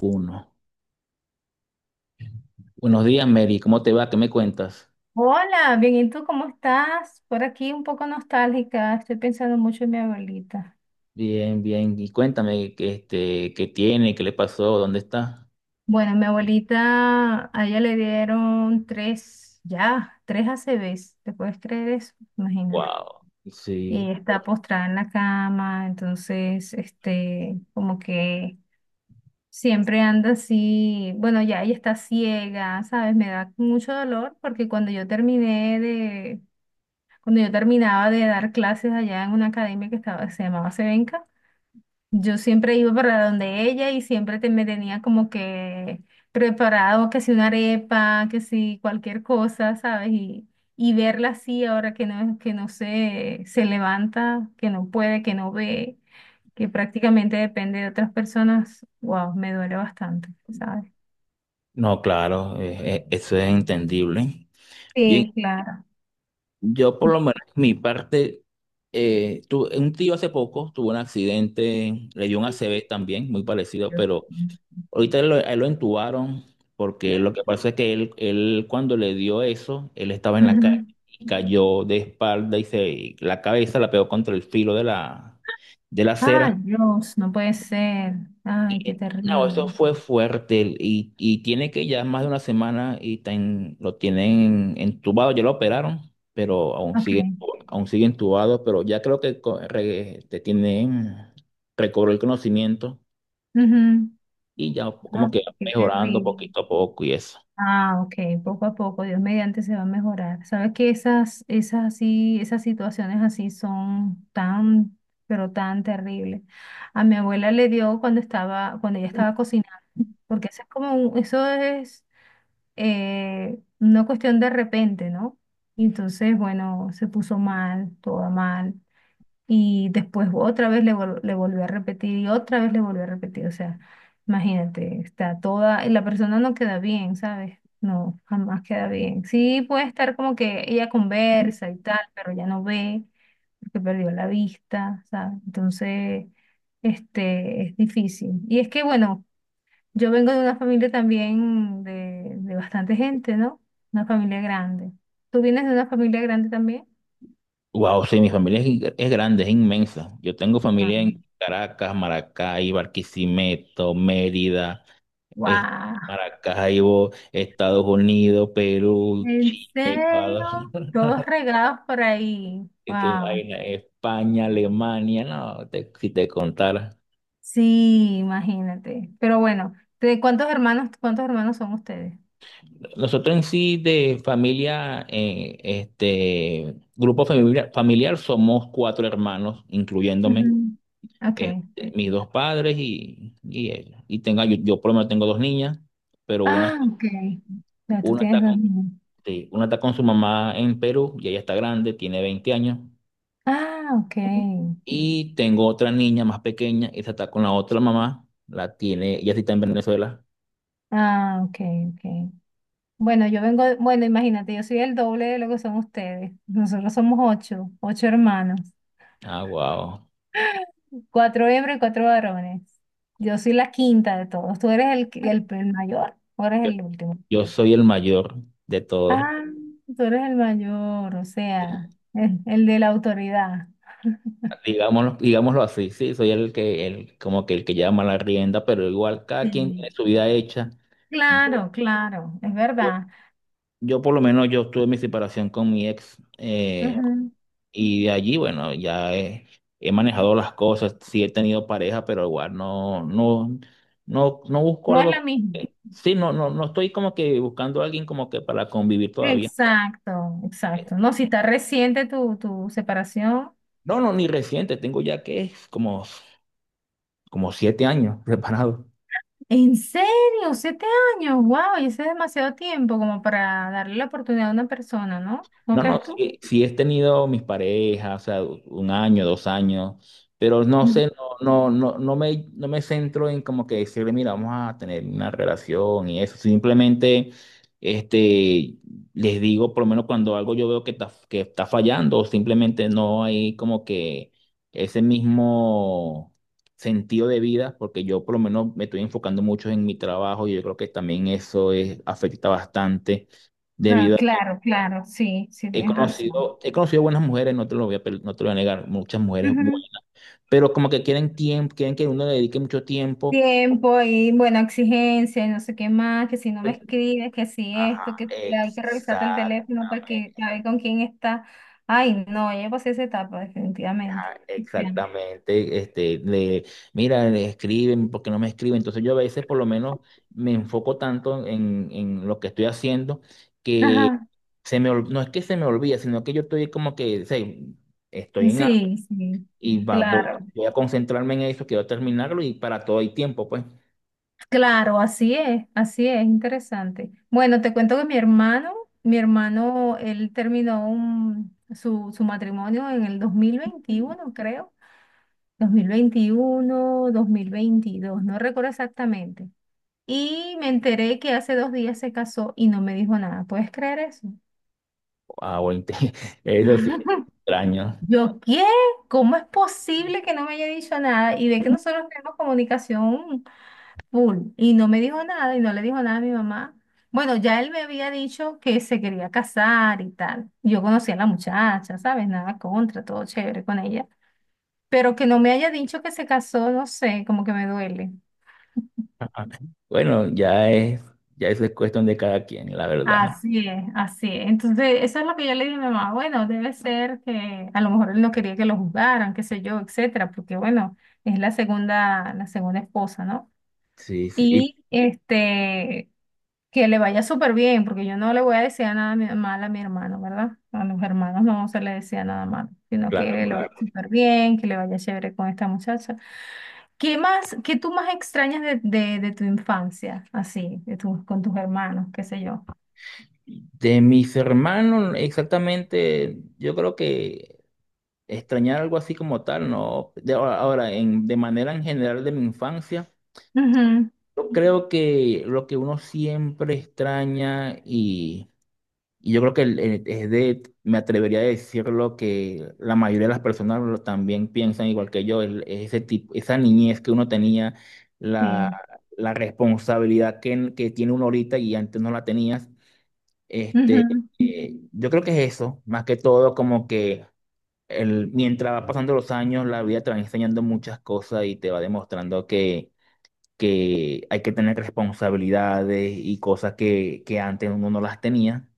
Uno. Buenos días, Mary. ¿Cómo te va? ¿Qué me cuentas? Hola, bien, ¿y tú cómo estás? Por aquí un poco nostálgica, estoy pensando mucho en mi abuelita. Bien, bien. Y cuéntame qué tiene, qué le pasó, dónde está. Bueno, mi abuelita, a ella le dieron tres, ya, tres A C ACVs, ¿te puedes creer eso? Imagínate. Wow. Sí. Y está Bueno. postrada en la cama, entonces, como que siempre anda así, bueno, ya ella está ciega, ¿sabes? Me da mucho dolor porque cuando yo terminaba de dar clases allá en una academia que estaba, se llamaba Sevenca. Yo siempre iba para donde ella y siempre me tenía como que preparado, que si una arepa, que si cualquier cosa, ¿sabes? Y verla así ahora que no se levanta, que no puede, que no ve, que prácticamente depende de otras personas, wow, me duele bastante, ¿sabes? No, claro, eso es entendible. Bien, Sí, claro. yo por lo De- menos mi parte, un tío hace poco tuvo un accidente, le dio un ACV también, muy parecido, pero a él lo entubaron, porque lo que pasa es que él cuando le dio eso, él estaba en la calle Ujú. y cayó de espalda y la cabeza la pegó contra el filo de la Ay, acera. Dios, no puede ser. Ay, qué Y no, eso terrible. fue fuerte y tiene que ya más de una semana y lo tienen entubado, ya lo operaron, pero aún sigue, Ok. aún sigue entubado, pero ya creo que recobró el conocimiento Ujú. y ya como que Ay, va qué mejorando terrible. poquito a poco y eso. Ah, ok, poco a poco, Dios mediante se va a mejorar. Sabes que esas, esas situaciones así son tan, pero tan terribles. A mi abuela le dio cuando estaba, cuando ella estaba cocinando, porque eso es como un- eso es una cuestión de repente, ¿no? Y entonces, bueno, se puso mal, toda mal y después otra vez le volvió a repetir y otra vez le volvió a repetir. O sea, imagínate, está toda, y la persona no queda bien, ¿sabes? No, jamás queda bien. Sí, puede estar como que ella conversa y tal, pero ya no ve, porque perdió la vista, ¿sabes? Entonces, es difícil. Y es que, bueno, yo vengo de una familia también de bastante gente, ¿no? Una familia grande. ¿Tú vienes de una familia grande también? Wow, sí, mi familia es grande, es inmensa. Yo tengo familia en Caracas, Maracay, Barquisimeto, Mérida, es- Ah, Maracaibo, Estados Unidos, Perú, ¿en Chile, serio? Ecuador, Todos regados por ahí. ¿qué te Wow. imaginas? España, Alemania, no, si te contara. Sí, imagínate. Pero bueno, ¿de cuántos hermanos son ustedes? Nosotros en sí de familia, este grupo familiar somos cuatro hermanos, incluyéndome. Ujú. Ok. este, Mis dos padres y ella. Yo por lo menos tengo dos niñas, pero Ah, ok. Ya tú una tienes está con, dos niños. sí, una está con su mamá en Perú y ella está grande, tiene 20 años. Ah, ok. Y tengo otra niña más pequeña, esa está con la otra mamá, la tiene, ella sí está en Venezuela. Ah, ok, ok. Bueno, yo vengo, bueno, imagínate, yo soy el doble de lo que son ustedes. Nosotros somos ocho hermanos, Ah, wow. cuatro hembras y cuatro varones. Yo soy la quinta de todos. Tú eres el mayor, tú eres el último. Yo soy el mayor de todos. Ah, tú eres el mayor, o sea, el de la autoridad. Digámoslo así, sí, soy el que, como que el que llama la rienda, pero igual cada quien Sí. tiene su vida hecha. Yo, Claro, claro, es yo verdad. Yo por lo menos yo tuve mi separación con mi ex, Ujú. y de allí, bueno, ya he manejado las cosas, sí he tenido pareja, pero igual no, no, no, no busco No es la algo, misma. sí, no, no, no estoy como que buscando a alguien como que para convivir todavía. Exacto, exacto. No, si está reciente tu, tu separación. No, no, ni reciente, tengo ya que como, como 7 años preparado. ¿En serio? ¿Siete años? ¡Wow! Y ese es demasiado tiempo como para darle la oportunidad a una persona, ¿no? ¿No No, no, crees tú? sí, sí he tenido mis parejas, o sea, 1 año, 2 años, pero no Ujú. sé, no, no, no, no me centro en como que decirle, mira, vamos a tener una relación y eso. Simplemente, este, les digo, por lo menos cuando algo yo veo que está, fallando, simplemente no hay como que ese mismo sentido de vida, porque yo por lo menos me estoy enfocando mucho en mi trabajo y yo creo que también eso es, afecta bastante Ah, debido a. claro, claro, sí, sí, He tienes razón. conocido, he conocido buenas mujeres, no te lo voy no te lo voy a negar, muchas mujeres buenas, pero como que quieren tiempo, quieren que uno le dedique mucho tiempo. Tiempo y buena exigencia y no sé qué más, que si no me escribes, que si Ajá, esto, que hay que revisarte el teléfono para que a exactamente, ver con quién está. Ay, no, ya pasé esa etapa, definitivamente. ajá, Bueno. exactamente. Mira, le escriben, ¿porque no me escriben? Entonces yo a veces por lo menos me enfoco tanto en lo que estoy haciendo, que Ajá. No es que se me olvida, sino que yo estoy como que, sé, estoy en algo Sí, sí, y va- voy, claro, voy a concentrarme en eso, quiero terminarlo y para todo hay tiempo, pues. claro, así es, interesante. Bueno, te cuento que mi hermano, él terminó su matrimonio en el 2021 creo, 2021 2022 no recuerdo exactamente. Y me enteré que hace 2 días se casó y no me dijo nada. ¿Puedes creer eso? Wow, eso sí, es extraño. Yo, ¿qué? ¿Cómo es posible que no me haya dicho nada? Y ve que nosotros tenemos comunicación full y no me dijo nada y no le dijo nada a mi mamá. Bueno, ya él me había dicho que se quería casar y tal. Yo conocía a la muchacha, ¿sabes? Nada contra, todo chévere con ella. Pero que no me haya dicho que se casó, no sé, como que me duele. Ajá. Bueno, ya eso es cuestión de cada quien, la verdad. Así es, así es. Entonces, eso es lo que yo le dije a mi mamá. Bueno, debe ser que a lo mejor él no quería que lo juzgaran, qué sé yo, etcétera, porque bueno, es la segunda esposa, ¿no? Sí, sí, y Y que le vaya súper bien, porque yo no le voy a desear nada mal a mi hermano, ¿verdad? A los hermanos no se le desea nada malo, sino claro, que le vaya claro. súper bien, que le vaya chévere con esta muchacha. ¿Qué más, qué tú más extrañas de tu infancia, así, de tus con tus hermanos, qué sé yo? De mis hermanos, exactamente, yo creo que extrañar algo así como tal, no. De ahora, ahora, de manera en general de mi infancia, Ujú. yo creo que lo que uno siempre extraña. Y yo creo que me atrevería a decirlo, que la mayoría de las personas también piensan igual que yo, ese tipo, esa niñez que uno tenía, la, Sí. la responsabilidad que tiene uno ahorita y antes no la tenías. Este, Ujú, yo creo que es eso, más que todo como que mientras va pasando los años, la vida te va enseñando muchas cosas y te va demostrando que, hay que tener responsabilidades y cosas que antes uno no las tenía.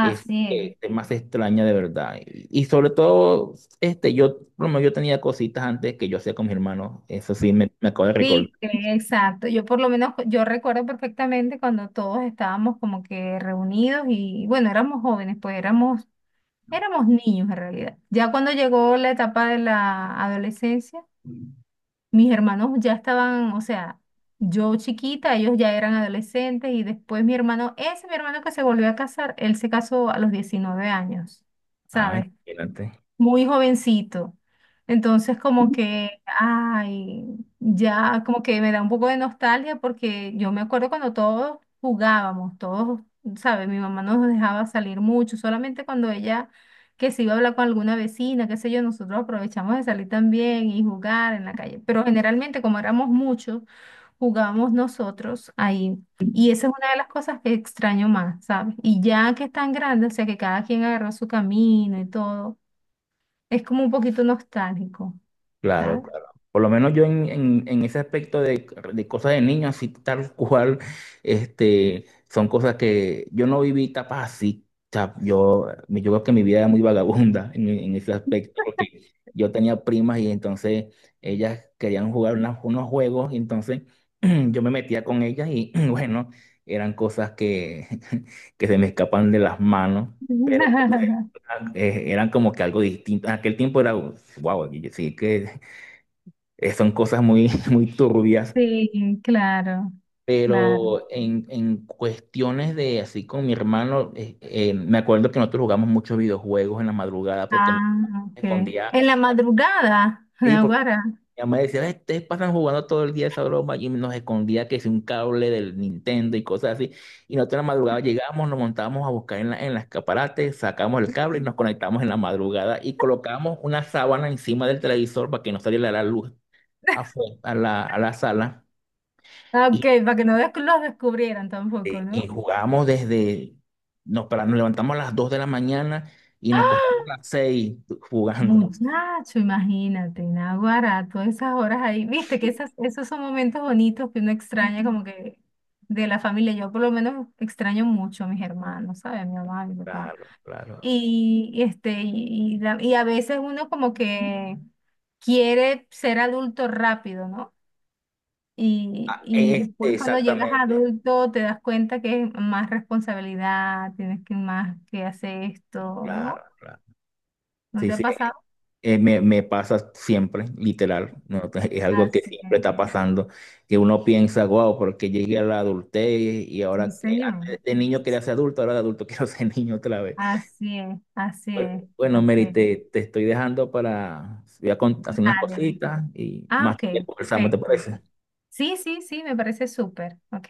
Es es. que es más extraña de verdad. Y sobre todo, yo, por lo menos yo tenía cositas antes que yo hacía con mis hermanos. Eso sí, me acabo de recordar. Viste, exacto. Yo por lo menos, yo recuerdo perfectamente cuando todos estábamos como que reunidos y bueno, éramos jóvenes, pues éramos niños en realidad. Ya cuando llegó la etapa de la adolescencia, mis hermanos ya estaban, o sea, yo chiquita, ellos ya eran adolescentes y después mi hermano, ese mi hermano que se volvió a casar, él se casó a los 19 años, Ay, ¿sabes? adelante. Muy jovencito. Entonces, como que, ay, ya como que me da un poco de nostalgia porque yo me acuerdo cuando todos jugábamos, todos, ¿sabes? Mi mamá nos dejaba salir mucho, solamente cuando ella que se iba a hablar con alguna vecina, qué sé yo, nosotros aprovechamos de salir también y jugar en la calle. Pero generalmente, como éramos muchos, jugábamos nosotros ahí. Y esa es una de las cosas que extraño más, ¿sabes? Y ya que están grandes, o sea, que cada quien agarró su camino y todo. Es como un poquito nostálgico, Claro, ¿sabes? claro. Por lo menos yo en ese aspecto de cosas de niños, así tal cual, son cosas que yo no viví etapas así. O sea, yo creo que mi vida era muy vagabunda en ese aspecto, porque yo tenía primas y entonces ellas querían jugar unos juegos, y entonces yo me metía con ellas y bueno, eran cosas que, que se me escapan de las manos. Pero eran como que algo distinto. En aquel tiempo era, wow, sí que son cosas muy, muy turbias, Sí, claro, claro. pero en cuestiones de así con mi hermano, me acuerdo que nosotros jugamos muchos videojuegos en la madrugada porque me Ah, ok. escondía, En la madrugada, sí, porque Naguará. mi mamá decía, "Ay, ustedes pasan jugando todo el día esa broma", y nos escondía que es un cable del Nintendo y cosas así. Y nosotros en la madrugada llegamos, nos montábamos a buscar en las escaparate, sacamos el cable y nos conectamos en la madrugada y colocamos una sábana encima del televisor para que no saliera la luz afuera, a la sala. Ah, ok, para que no los descubrieran tampoco, Y ¿no? jugábamos desde, nos levantamos a las 2 de la mañana y nos costamos las 6 jugando. Muchacho, imagínate, Naguará, todas esas horas ahí. Viste que esas, esos son momentos bonitos que uno extraña como que de la familia. Yo por lo menos extraño mucho a mis hermanos, ¿sabes? A mi mamá, a mi papá. Claro, claro. Y a veces uno como que quiere ser adulto rápido, ¿no? Y después cuando llegas a Exactamente, adulto te das cuenta que es más responsabilidad, tienes que más que hacer esto, claro, ¿no? claro. ¿No Sí, te ha sí, pasado? Me pasa siempre, literal. ¿No? Es algo que Así es, siempre está pasando, que uno piensa, wow, porque llegué a la adultez y sí, ahora, señor. antes de niño quería ser adulto, ahora de adulto quiero ser niño otra vez. Así es, así es, Bueno, así Mary, es. te estoy dejando para hacer unas Dale. cositas y Ah, más ok, tiempo conversamos, ¿te perfecto. parece? Sí, sí, sí, me parece súper, ¿ok?